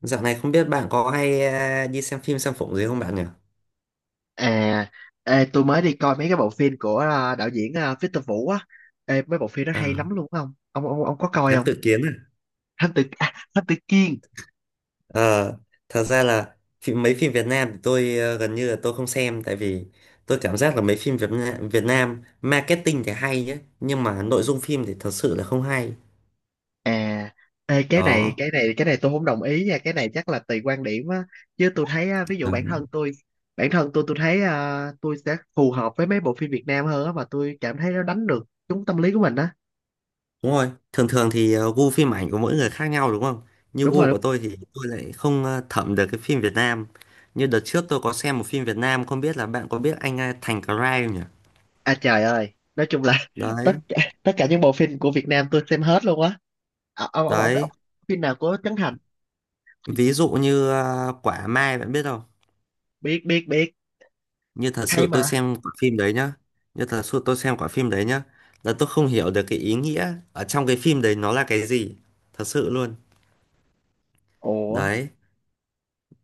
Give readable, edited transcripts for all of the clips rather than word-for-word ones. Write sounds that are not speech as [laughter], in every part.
Dạo này không biết bạn có hay đi xem phim xem phụng gì không bạn nhỉ? À, tôi mới đi coi mấy cái bộ phim của đạo diễn Victor Vũ á. Ê, mấy bộ phim đó À, hay lắm luôn không? Ông có coi Thám không? Tử Kiên à? Thám tử Kiên. Ờ, Thật ra là mấy phim Việt Nam thì tôi gần như là tôi không xem tại vì tôi cảm giác là mấy phim Việt Nam, Việt Nam marketing thì hay nhé nhưng mà nội dung phim thì thật sự là không hay. À, cái này Đó. cái này cái này tôi không đồng ý nha. Cái này chắc là tùy quan điểm á. Chứ tôi thấy ví dụ Ờ. bản thân tôi thấy tôi sẽ phù hợp với mấy bộ phim Việt Nam hơn á mà tôi cảm thấy nó đánh được trúng tâm lý của mình á. Đúng rồi. Thường thường thì gu phim ảnh của mỗi người khác nhau đúng không? Như Đúng rồi. gu Đúng. của tôi thì tôi lại không thẩm được cái phim Việt Nam. Như đợt trước tôi có xem một phim Việt Nam không biết là bạn có biết anh Thành Cry không nhỉ? À trời ơi! Nói chung là [laughs] tất Đấy. cả tất cả những bộ phim của Việt Nam tôi xem hết luôn á. Đấy, Ông phim nào của Trấn Thành? ví dụ như quả Mai bạn biết không? Biết biết biết. Như thật Hay sự tôi mà. xem quả phim đấy nhá. Như thật sự tôi xem quả phim đấy nhá. Là tôi không hiểu được cái ý nghĩa ở trong cái phim đấy nó là cái gì. Thật sự luôn. ủa Đấy.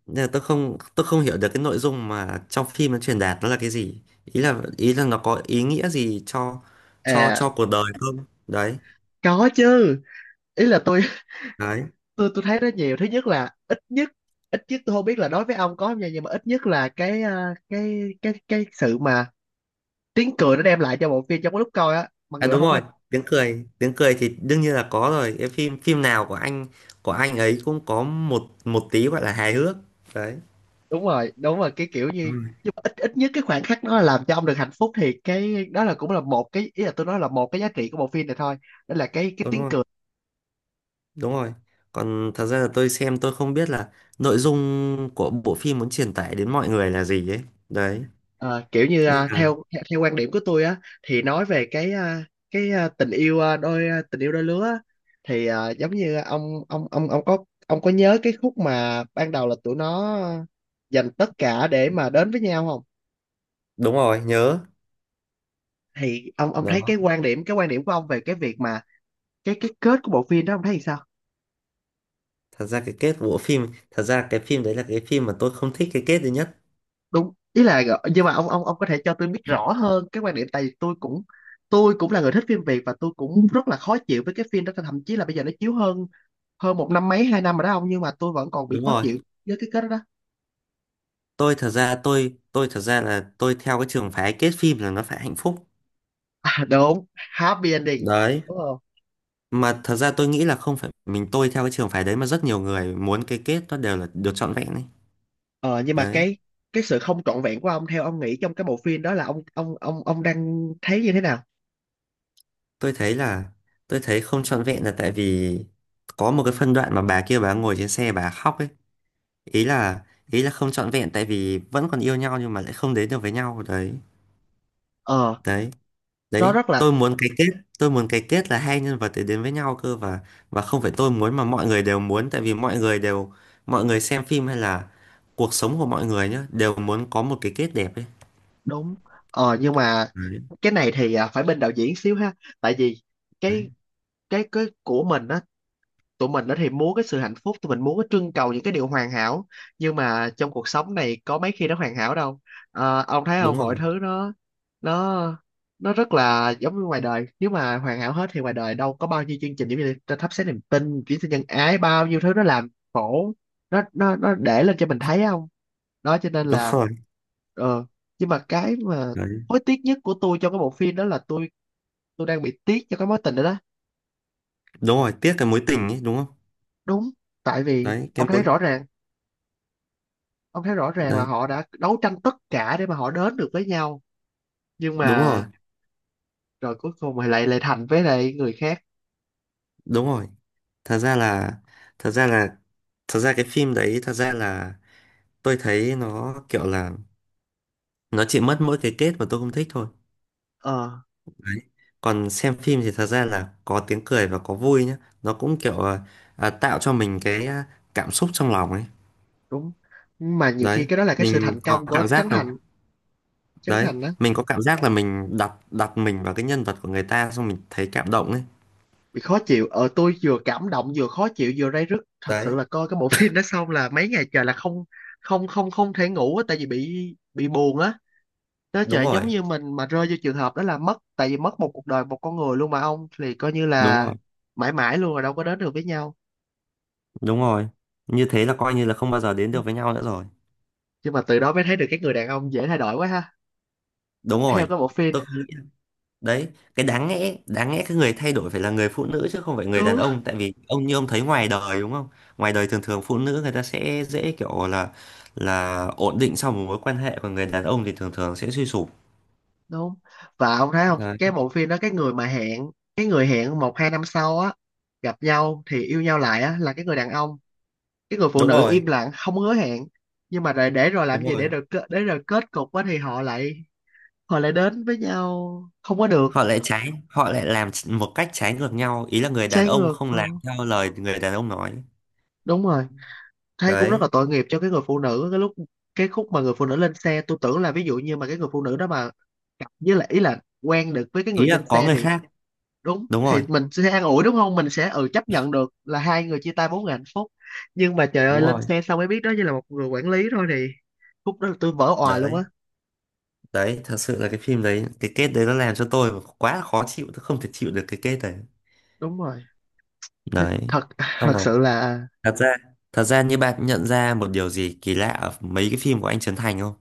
Nên là tôi không hiểu được cái nội dung mà trong phim nó truyền đạt nó là cái gì. Ý là nó có ý nghĩa gì cho cho à cho cuộc đời không? Đấy. có chứ. Ý là tôi Đấy. [laughs] tôi thấy nó nhiều thứ nhất là ít nhất tôi không biết là đối với ông có không nha, nhưng mà ít nhất là cái cái sự mà tiếng cười nó đem lại cho bộ phim trong cái lúc coi á mặc À dù nó đúng không rồi, phải. Tiếng cười thì đương nhiên là có rồi. Cái phim phim nào của anh ấy cũng có một một tí gọi là hài hước. Đấy. Đúng rồi, đúng rồi, cái kiểu Đúng như, rồi, nhưng mà ít ít nhất cái khoảnh khắc nó làm cho ông được hạnh phúc thì cái đó là cũng là một cái, ý là tôi nói là một cái giá trị của bộ phim này thôi, đó là cái đúng tiếng rồi, cười. đúng rồi. Còn thật ra là tôi xem tôi không biết là nội dung của bộ phim muốn truyền tải đến mọi người là gì ấy. Đấy, Ờ, kiểu như nên là theo theo quan điểm của tôi á thì nói về cái tình yêu đôi lứa á, thì giống như ông ông ông có ông có nhớ cái khúc mà ban đầu là tụi nó dành tất cả để mà đến với nhau không? đúng rồi, nhớ. Thì ông thấy Đó, cái quan điểm của ông về cái việc mà cái kết của bộ phim đó ông thấy thì sao? Thật ra cái phim đấy là cái phim mà tôi không thích cái kết duy nhất. Đúng, ý là, nhưng mà ông có thể cho tôi biết rõ hơn cái quan điểm, tại vì tôi cũng là người thích phim Việt và tôi cũng rất là khó chịu với cái phim đó, thậm chí là bây giờ nó chiếu hơn hơn một năm mấy 2 năm rồi đó ông, nhưng mà tôi vẫn còn bị Đúng khó rồi. chịu với cái kết đó. Tôi thật ra là tôi theo cái trường phái kết phim là nó phải hạnh phúc. À, đúng, happy ending, Đấy, đúng không? mà thật ra tôi nghĩ là không phải mình tôi theo cái trường phái đấy mà rất nhiều người muốn cái kết nó đều là được trọn vẹn ấy. Ờ nhưng mà Đấy. cái sự không trọn vẹn của ông theo ông nghĩ trong cái bộ phim đó là ông đang thấy như thế nào? Tôi thấy là tôi thấy không trọn vẹn là tại vì có một cái phân đoạn mà bà kia bà ngồi trên xe bà khóc ấy. Ý là ý là không trọn vẹn tại vì vẫn còn yêu nhau nhưng mà lại không đến được với nhau đấy. ờ đấy nó đấy rất là. Tôi muốn cái kết là hai nhân vật để đến với nhau cơ. Và không phải tôi muốn mà mọi người đều muốn tại vì mọi người xem phim hay là cuộc sống của mọi người nhá đều muốn có một cái kết đẹp ấy. Đúng. Nhưng mà Đấy, cái này thì phải bên đạo diễn xíu ha, tại vì đấy. cái cái của mình á, tụi mình đó thì muốn cái sự hạnh phúc, tụi mình muốn cái trưng cầu những cái điều hoàn hảo, nhưng mà trong cuộc sống này có mấy khi nó hoàn hảo đâu. Ờ, ông thấy đúng không, mọi rồi thứ nó nó nó rất là giống như ngoài đời, nếu mà hoàn hảo hết thì ngoài đời đâu có bao nhiêu chương trình giống như là thắp sáng niềm tin, chuyển sinh nhân ái, bao nhiêu thứ nó làm khổ nó nó để lên cho mình thấy không? Đó cho nên đúng là rồi ờ nhưng mà cái mà Đấy. hối tiếc nhất của tôi trong cái bộ phim đó là tôi đang bị tiếc cho cái mối tình đó đó. Đúng rồi, tiếc cái mối tình ấy đúng không? Đúng, tại vì đấy cái mối ông thấy rõ ràng là Đấy, họ đã đấu tranh tất cả để mà họ đến được với nhau, nhưng đúng mà rồi. rồi cuối cùng thì lại lại thành với lại người khác. Đúng rồi, thật ra là thật ra là thật ra cái phim đấy thật ra là tôi thấy nó kiểu là nó chỉ mất mỗi cái kết mà tôi không thích thôi. ờ Đấy, còn xem phim thì thật ra là có tiếng cười và có vui nhá, nó cũng kiểu tạo cho mình cái cảm xúc trong lòng ấy. đúng. Nhưng mà nhiều khi Đấy, cái đó là cái sự mình thành có công của cảm Trấn giác là Thành. Trấn đấy, Thành đó mình có cảm giác là mình đặt đặt mình vào cái nhân vật của người ta xong mình thấy cảm động ấy. bị khó chịu. Ờ tôi vừa cảm động vừa khó chịu vừa ray rứt. Thật sự Đấy, là coi cái bộ [laughs] phim đó xong là mấy ngày trời là không không thể ngủ á, tại vì bị buồn á. Đó, đúng trời, giống rồi. như mình mà rơi vô trường hợp đó là mất, tại vì mất một cuộc đời một con người luôn mà ông thì coi như đúng là rồi mãi mãi luôn rồi, đâu có đến được với nhau. đúng rồi Như thế là coi như là không bao giờ đến được với nhau nữa rồi. Nhưng mà từ đó mới thấy được các người đàn ông dễ thay đổi quá ha, Đúng theo rồi, cái bộ phim. tôi không nghĩ. Đấy, cái đáng lẽ cái người thay đổi phải là người phụ nữ chứ không phải người đàn Đúng ông, tại vì ông như ông thấy ngoài đời đúng không? Ngoài đời thường thường phụ nữ người ta sẽ dễ kiểu là ổn định sau một mối quan hệ còn người đàn ông thì thường thường sẽ suy sụp. đúng. Và ông thấy không, Đấy. cái bộ phim đó, cái người hẹn 1 2 năm sau á gặp nhau thì yêu nhau lại á là cái người đàn ông, cái người phụ đúng nữ rồi im lặng không hứa hẹn, nhưng mà để rồi đúng làm gì rồi để rồi kết cục á thì họ lại đến với nhau không có được. Họ lại làm một cách trái ngược nhau, ý là người đàn Trái ông ngược. không Ừ, làm theo lời người đàn ông nói. đúng rồi. Thấy cũng rất Đấy, là tội nghiệp cho cái người phụ nữ cái lúc, cái khúc mà người phụ nữ lên xe, tôi tưởng là ví dụ như mà cái người phụ nữ đó mà gặp với lại, ý là quen được với cái ý người là trên có xe người thì. khác. Đúng. Đúng rồi, Thì mình sẽ an ủi đúng không, mình sẽ chấp nhận được là hai người chia tay bốn người hạnh phúc, nhưng mà trời ơi đúng lên rồi. xe xong mới biết đó chỉ là một người quản lý thôi thì khúc đó tôi vỡ òa luôn Đấy, á. đấy thật sự là cái phim đấy cái kết đấy nó làm cho tôi quá là khó chịu, tôi không thể chịu được cái kết đấy. Đúng rồi. Thế Đấy, thật xong thật rồi. sự là Thật ra thật ra như bạn nhận ra một điều gì kỳ lạ ở mấy cái phim của anh Trấn Thành không?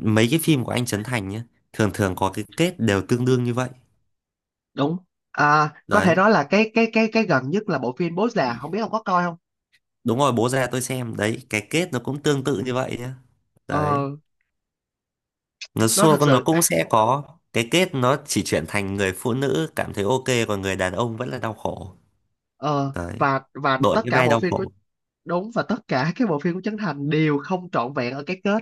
Mấy cái phim của anh Trấn Thành nhé, thường thường có cái kết đều tương đương như vậy. đúng. Có thể Đấy, nói là cái gần nhất là bộ phim Bố Già không biết ông có coi không? đúng rồi, Bố Ra tôi xem đấy, cái kết nó cũng tương tự như vậy nhé. Đấy, ờ nó nó xua thật con nó sự. cũng sẽ có cái kết, nó chỉ chuyển thành người phụ nữ cảm thấy ok còn người đàn ông vẫn là đau khổ. Ờ Đấy, và đổi tất cái cả vai bộ đau phim. khổ. Đúng. Và tất cả các bộ phim của Trấn Thành đều không trọn vẹn ở cái kết.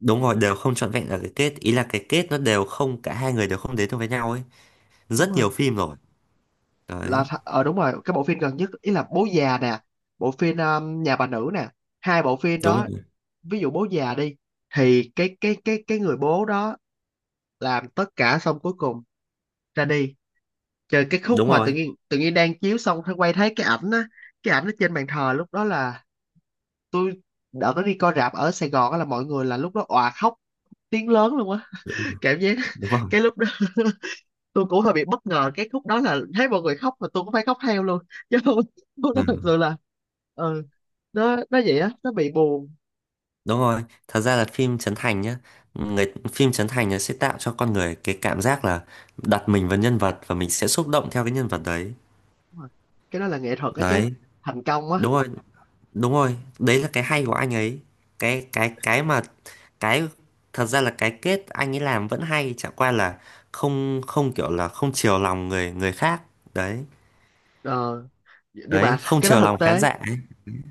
Đúng rồi, đều không trọn vẹn ở cái kết, ý là cái kết nó đều không, cả hai người đều không đến được với nhau ấy. Đúng Rất nhiều rồi. phim rồi. Là Đấy, đúng rồi, cái bộ phim gần nhất ý là Bố già nè, bộ phim Nhà bà nữ nè, hai bộ phim đúng đó. rồi. Ví dụ Bố già đi, thì cái người bố đó làm tất cả xong cuối cùng ra đi. Trời, cái khúc đúng mà tự rồi nhiên tự nhiên đang chiếu xong thấy quay thấy cái ảnh á, cái ảnh ở trên bàn thờ lúc đó là tôi đỡ có đi coi rạp ở Sài Gòn á là mọi người là lúc đó òa khóc tiếng lớn luôn á. Cảm giác đúng rồi. [laughs] cái lúc đó tôi cũng hơi bị bất ngờ cái khúc đó là thấy mọi người khóc mà tôi cũng phải khóc theo luôn [laughs] chứ không. Không đó thật Ừ, sự là. Ừ, nó vậy á, nó bị buồn. đúng rồi, thật ra là phim Trấn Thành nhá, người phim Trấn Thành nó sẽ tạo cho con người cái cảm giác là đặt mình vào nhân vật và mình sẽ xúc động theo cái nhân vật đấy. Đúng rồi. Cái đó là nghệ thuật á chứ, Đấy, thành công á. đúng rồi. Đúng rồi, đấy là cái hay của anh ấy. Cái cái cái mà cái thật ra là cái kết anh ấy làm vẫn hay, chả qua là không, không kiểu là không chiều lòng người người khác. Đấy. ờ nhưng Đấy, mà không cái đó chiều lòng thực khán tế. giả ấy.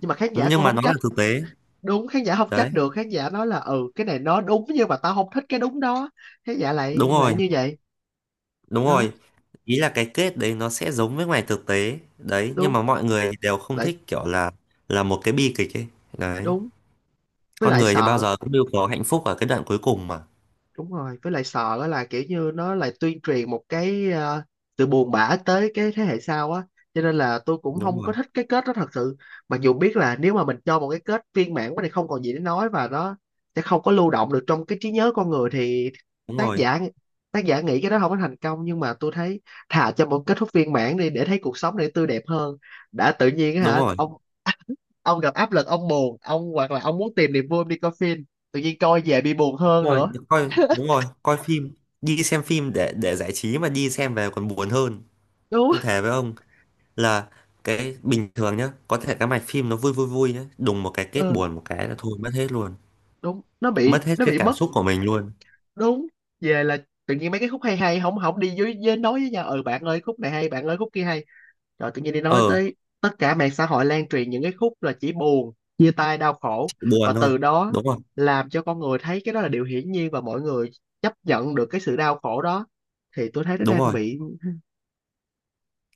Nhưng mà khán giả Nhưng cũng mà không nó là trách. thực tế. Đúng, khán giả không Đấy, trách được, khán giả nói là "ừ cái này nó đúng nhưng mà tao không thích cái đúng đó". Khán giả lại đúng lại rồi. như vậy. Đúng Đó. rồi, ý là cái kết đấy nó sẽ giống với ngoài thực tế đấy nhưng Đúng. mà mọi người đều không Lại. thích, kiểu là một cái bi kịch ấy. Đấy, Đúng. Với con lại người thì bao sợ. giờ cũng đều có hạnh phúc ở cái đoạn cuối cùng mà. Đúng rồi, với lại sợ á là kiểu như nó lại tuyên truyền một cái sự buồn bã tới cái thế hệ sau á, cho nên là tôi cũng Đúng không rồi. có thích cái kết đó thật sự. Mặc dù biết là nếu mà mình cho một cái kết viên mãn quá thì không còn gì để nói và nó sẽ không có lưu động được trong cái trí nhớ con người thì đúng tác rồi giả tác giả nghĩ cái đó không có thành công, nhưng mà tôi thấy thà cho một kết thúc viên mãn đi để thấy cuộc sống này tươi đẹp hơn. Đã tự nhiên á đúng hả rồi ông gặp áp lực, ông buồn, ông hoặc là ông muốn tìm niềm vui ông đi coi phim, tự nhiên coi về bị buồn đúng hơn rồi nữa. Đúng rồi, coi phim, đi xem phim để giải trí mà đi xem về còn buồn hơn. Đúng. Tôi thề với ông là cái bình thường nhá, có thể cái mạch phim nó vui vui vui nhá, đùng một cái kết Ừ. buồn một cái là thôi mất hết luôn. Đúng Mất hết nó cái bị cảm mất. xúc của mình luôn. Đúng. Về là tự nhiên mấy cái khúc hay hay không không đi với nói với nhau "ừ bạn ơi khúc này hay bạn ơi khúc kia hay", rồi tự nhiên đi nói Ờ, tới tất cả mạng xã hội lan truyền những cái khúc là chỉ buồn, chia tay, đau khổ. chỉ Và buồn thôi. từ đó Đúng rồi. làm cho con người thấy cái đó là điều hiển nhiên và mọi người chấp nhận được cái sự đau khổ đó, thì tôi thấy nó Đúng đang rồi, bị.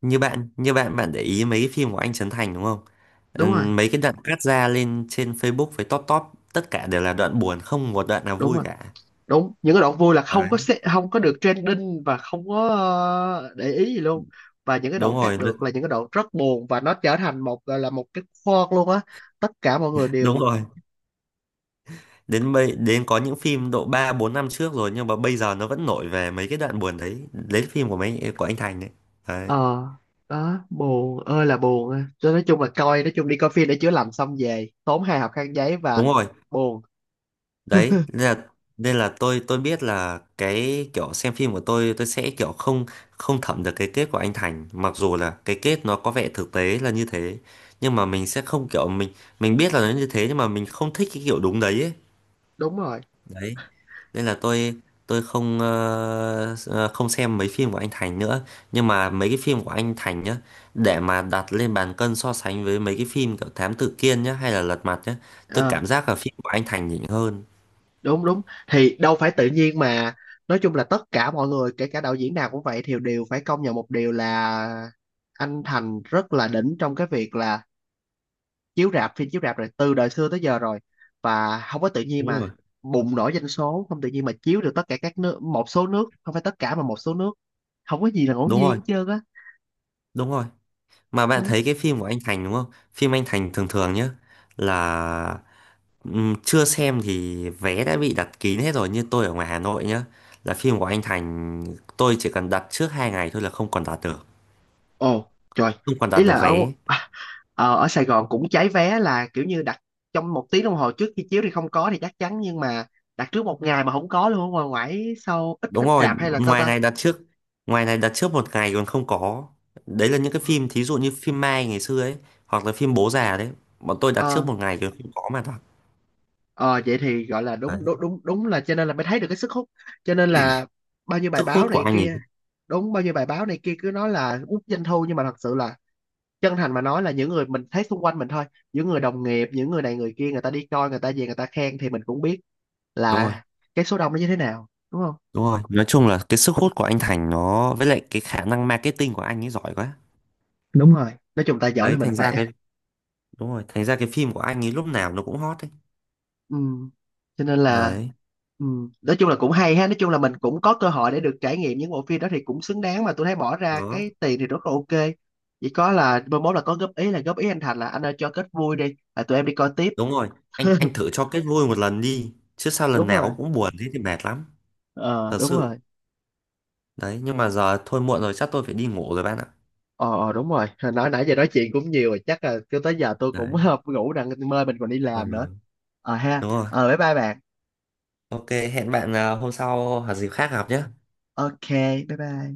như bạn bạn để ý mấy cái phim của anh Trấn Thành đúng không? Đúng rồi, Mấy cái đoạn cắt ra lên trên Facebook với top top tất cả đều là đoạn buồn, không một đoạn nào đúng vui rồi. cả. Đúng, những cái đoạn vui là không có Đấy, không có được trending và không có để ý gì luôn, và những cái đoạn đúng cắt rồi, nó- được là những cái đoạn rất buồn và nó trở thành một gọi là một cái khoan luôn á. Tất cả mọi người đúng đều. rồi, đến bây đến có những phim độ 3, 4 năm trước rồi nhưng mà bây giờ nó vẫn nổi về mấy cái đoạn buồn đấy, lấy phim của mấy của anh Thành đấy. Đấy, Ờ. Đó buồn ơi là buồn á. Cho nên nói chung đi coi phim để chữa lành xong về tốn hai hộp khăn giấy và đúng rồi. buồn. Đấy, nên là tôi biết là cái kiểu xem phim của tôi sẽ kiểu không, không thẩm được cái kết của anh Thành, mặc dù là cái kết nó có vẻ thực tế là như thế, nhưng mà mình sẽ không kiểu mình biết là nó như thế nhưng mà mình không thích cái kiểu đúng đấy ấy. Đúng rồi. Đấy, nên là tôi không không xem mấy phim của anh Thành nữa. Nhưng mà mấy cái phim của anh Thành nhá, để mà đặt lên bàn cân so sánh với mấy cái phim kiểu Thám Tử Kiên nhá hay là Lật Mặt nhá, Ờ. tôi cảm giác là phim của anh Thành nhỉnh hơn. Đúng đúng. Thì đâu phải tự nhiên mà, nói chung là tất cả mọi người kể cả đạo diễn nào cũng vậy thì đều phải công nhận một điều là anh Thành rất là đỉnh trong cái việc là chiếu rạp phim chiếu rạp rồi từ đời xưa tới giờ rồi. Và không có tự nhiên Đúng mà rồi. bùng nổ doanh số, không tự nhiên mà chiếu được tất cả các nước, một số nước, không phải tất cả mà một số nước, không có gì là ngẫu Đúng nhiên rồi. hết trơn á. Đúng rồi. Mà bạn Đó. thấy cái phim của anh Thành đúng không? Phim anh Thành thường thường nhá là chưa xem thì vé đã bị đặt kín hết rồi, như tôi ở ngoài Hà Nội nhá. Là phim của anh Thành tôi chỉ cần đặt trước 2 ngày thôi là không còn đặt được. Ồ trời. Không còn đặt Ý là được ở vé. à, ở Sài Gòn cũng cháy vé là kiểu như đặt trong 1 tiếng đồng hồ trước khi chiếu thì không có thì chắc chắn, nhưng mà đặt trước một ngày mà không có luôn, ở ngoài ngoại sau ít Đúng ít rồi, rạp hay là sao ngoài ta. này đặt trước ngoài này đặt trước 1 ngày còn không có. Đấy là những cái phim thí dụ như phim Mai ngày xưa ấy hoặc là phim Bố Già đấy. Bọn tôi đặt trước Ờ. 1 ngày còn không có mà đặt. Ờ vậy thì gọi là Đấy, đúng đúng đúng đúng là, cho nên là mới thấy được cái sức hút, cho nên là bao nhiêu bài sức hút báo của này anh ấy. kia. Đúng, bao nhiêu bài báo này kia cứ nói là út doanh thu nhưng mà thật sự là chân thành mà nói là những người mình thấy xung quanh mình thôi, những người đồng nghiệp, những người này người kia, người ta đi coi người ta về người ta khen thì mình cũng biết Đúng rồi. là cái số đông nó như thế nào đúng không. Đúng rồi, nói chung là cái sức hút của anh Thành nó với lại cái khả năng marketing của anh ấy giỏi quá. Đúng rồi, nói chung ta giỏi là Đấy, mình thành ra phải. cái đúng rồi, thành ra cái phim của anh ấy lúc nào nó cũng hot đấy. Ừ. Cho nên là. Đấy, Ừ. Nói chung là cũng hay ha, nói chung là mình cũng có cơ hội để được trải nghiệm những bộ phim đó thì cũng xứng đáng mà tôi thấy bỏ ra đó. cái tiền thì rất là ok. Chỉ có là mai mốt là có góp ý là góp ý anh Thành là "anh ơi cho kết vui đi là tụi em đi coi tiếp" Đúng rồi, anh thử [laughs] cho kết vui một lần đi, chứ sao lần đúng rồi. nào cũng buồn thế thì mệt lắm, Ờ thật đúng sự. rồi. Đấy, nhưng mà giờ thôi muộn rồi chắc tôi phải đi ngủ rồi bạn ạ. Ờ, đúng rồi. Hồi nói nãy giờ nói chuyện cũng nhiều rồi chắc là cứ tới giờ tôi cũng Đấy. [laughs] ngủ rằng mơ mình còn đi Ừ, làm nữa. Ờ ha đúng rồi. ờ bye bye bạn. Ok, hẹn bạn hôm sau hoặc dịp khác gặp nhé. Ok. Bye bye.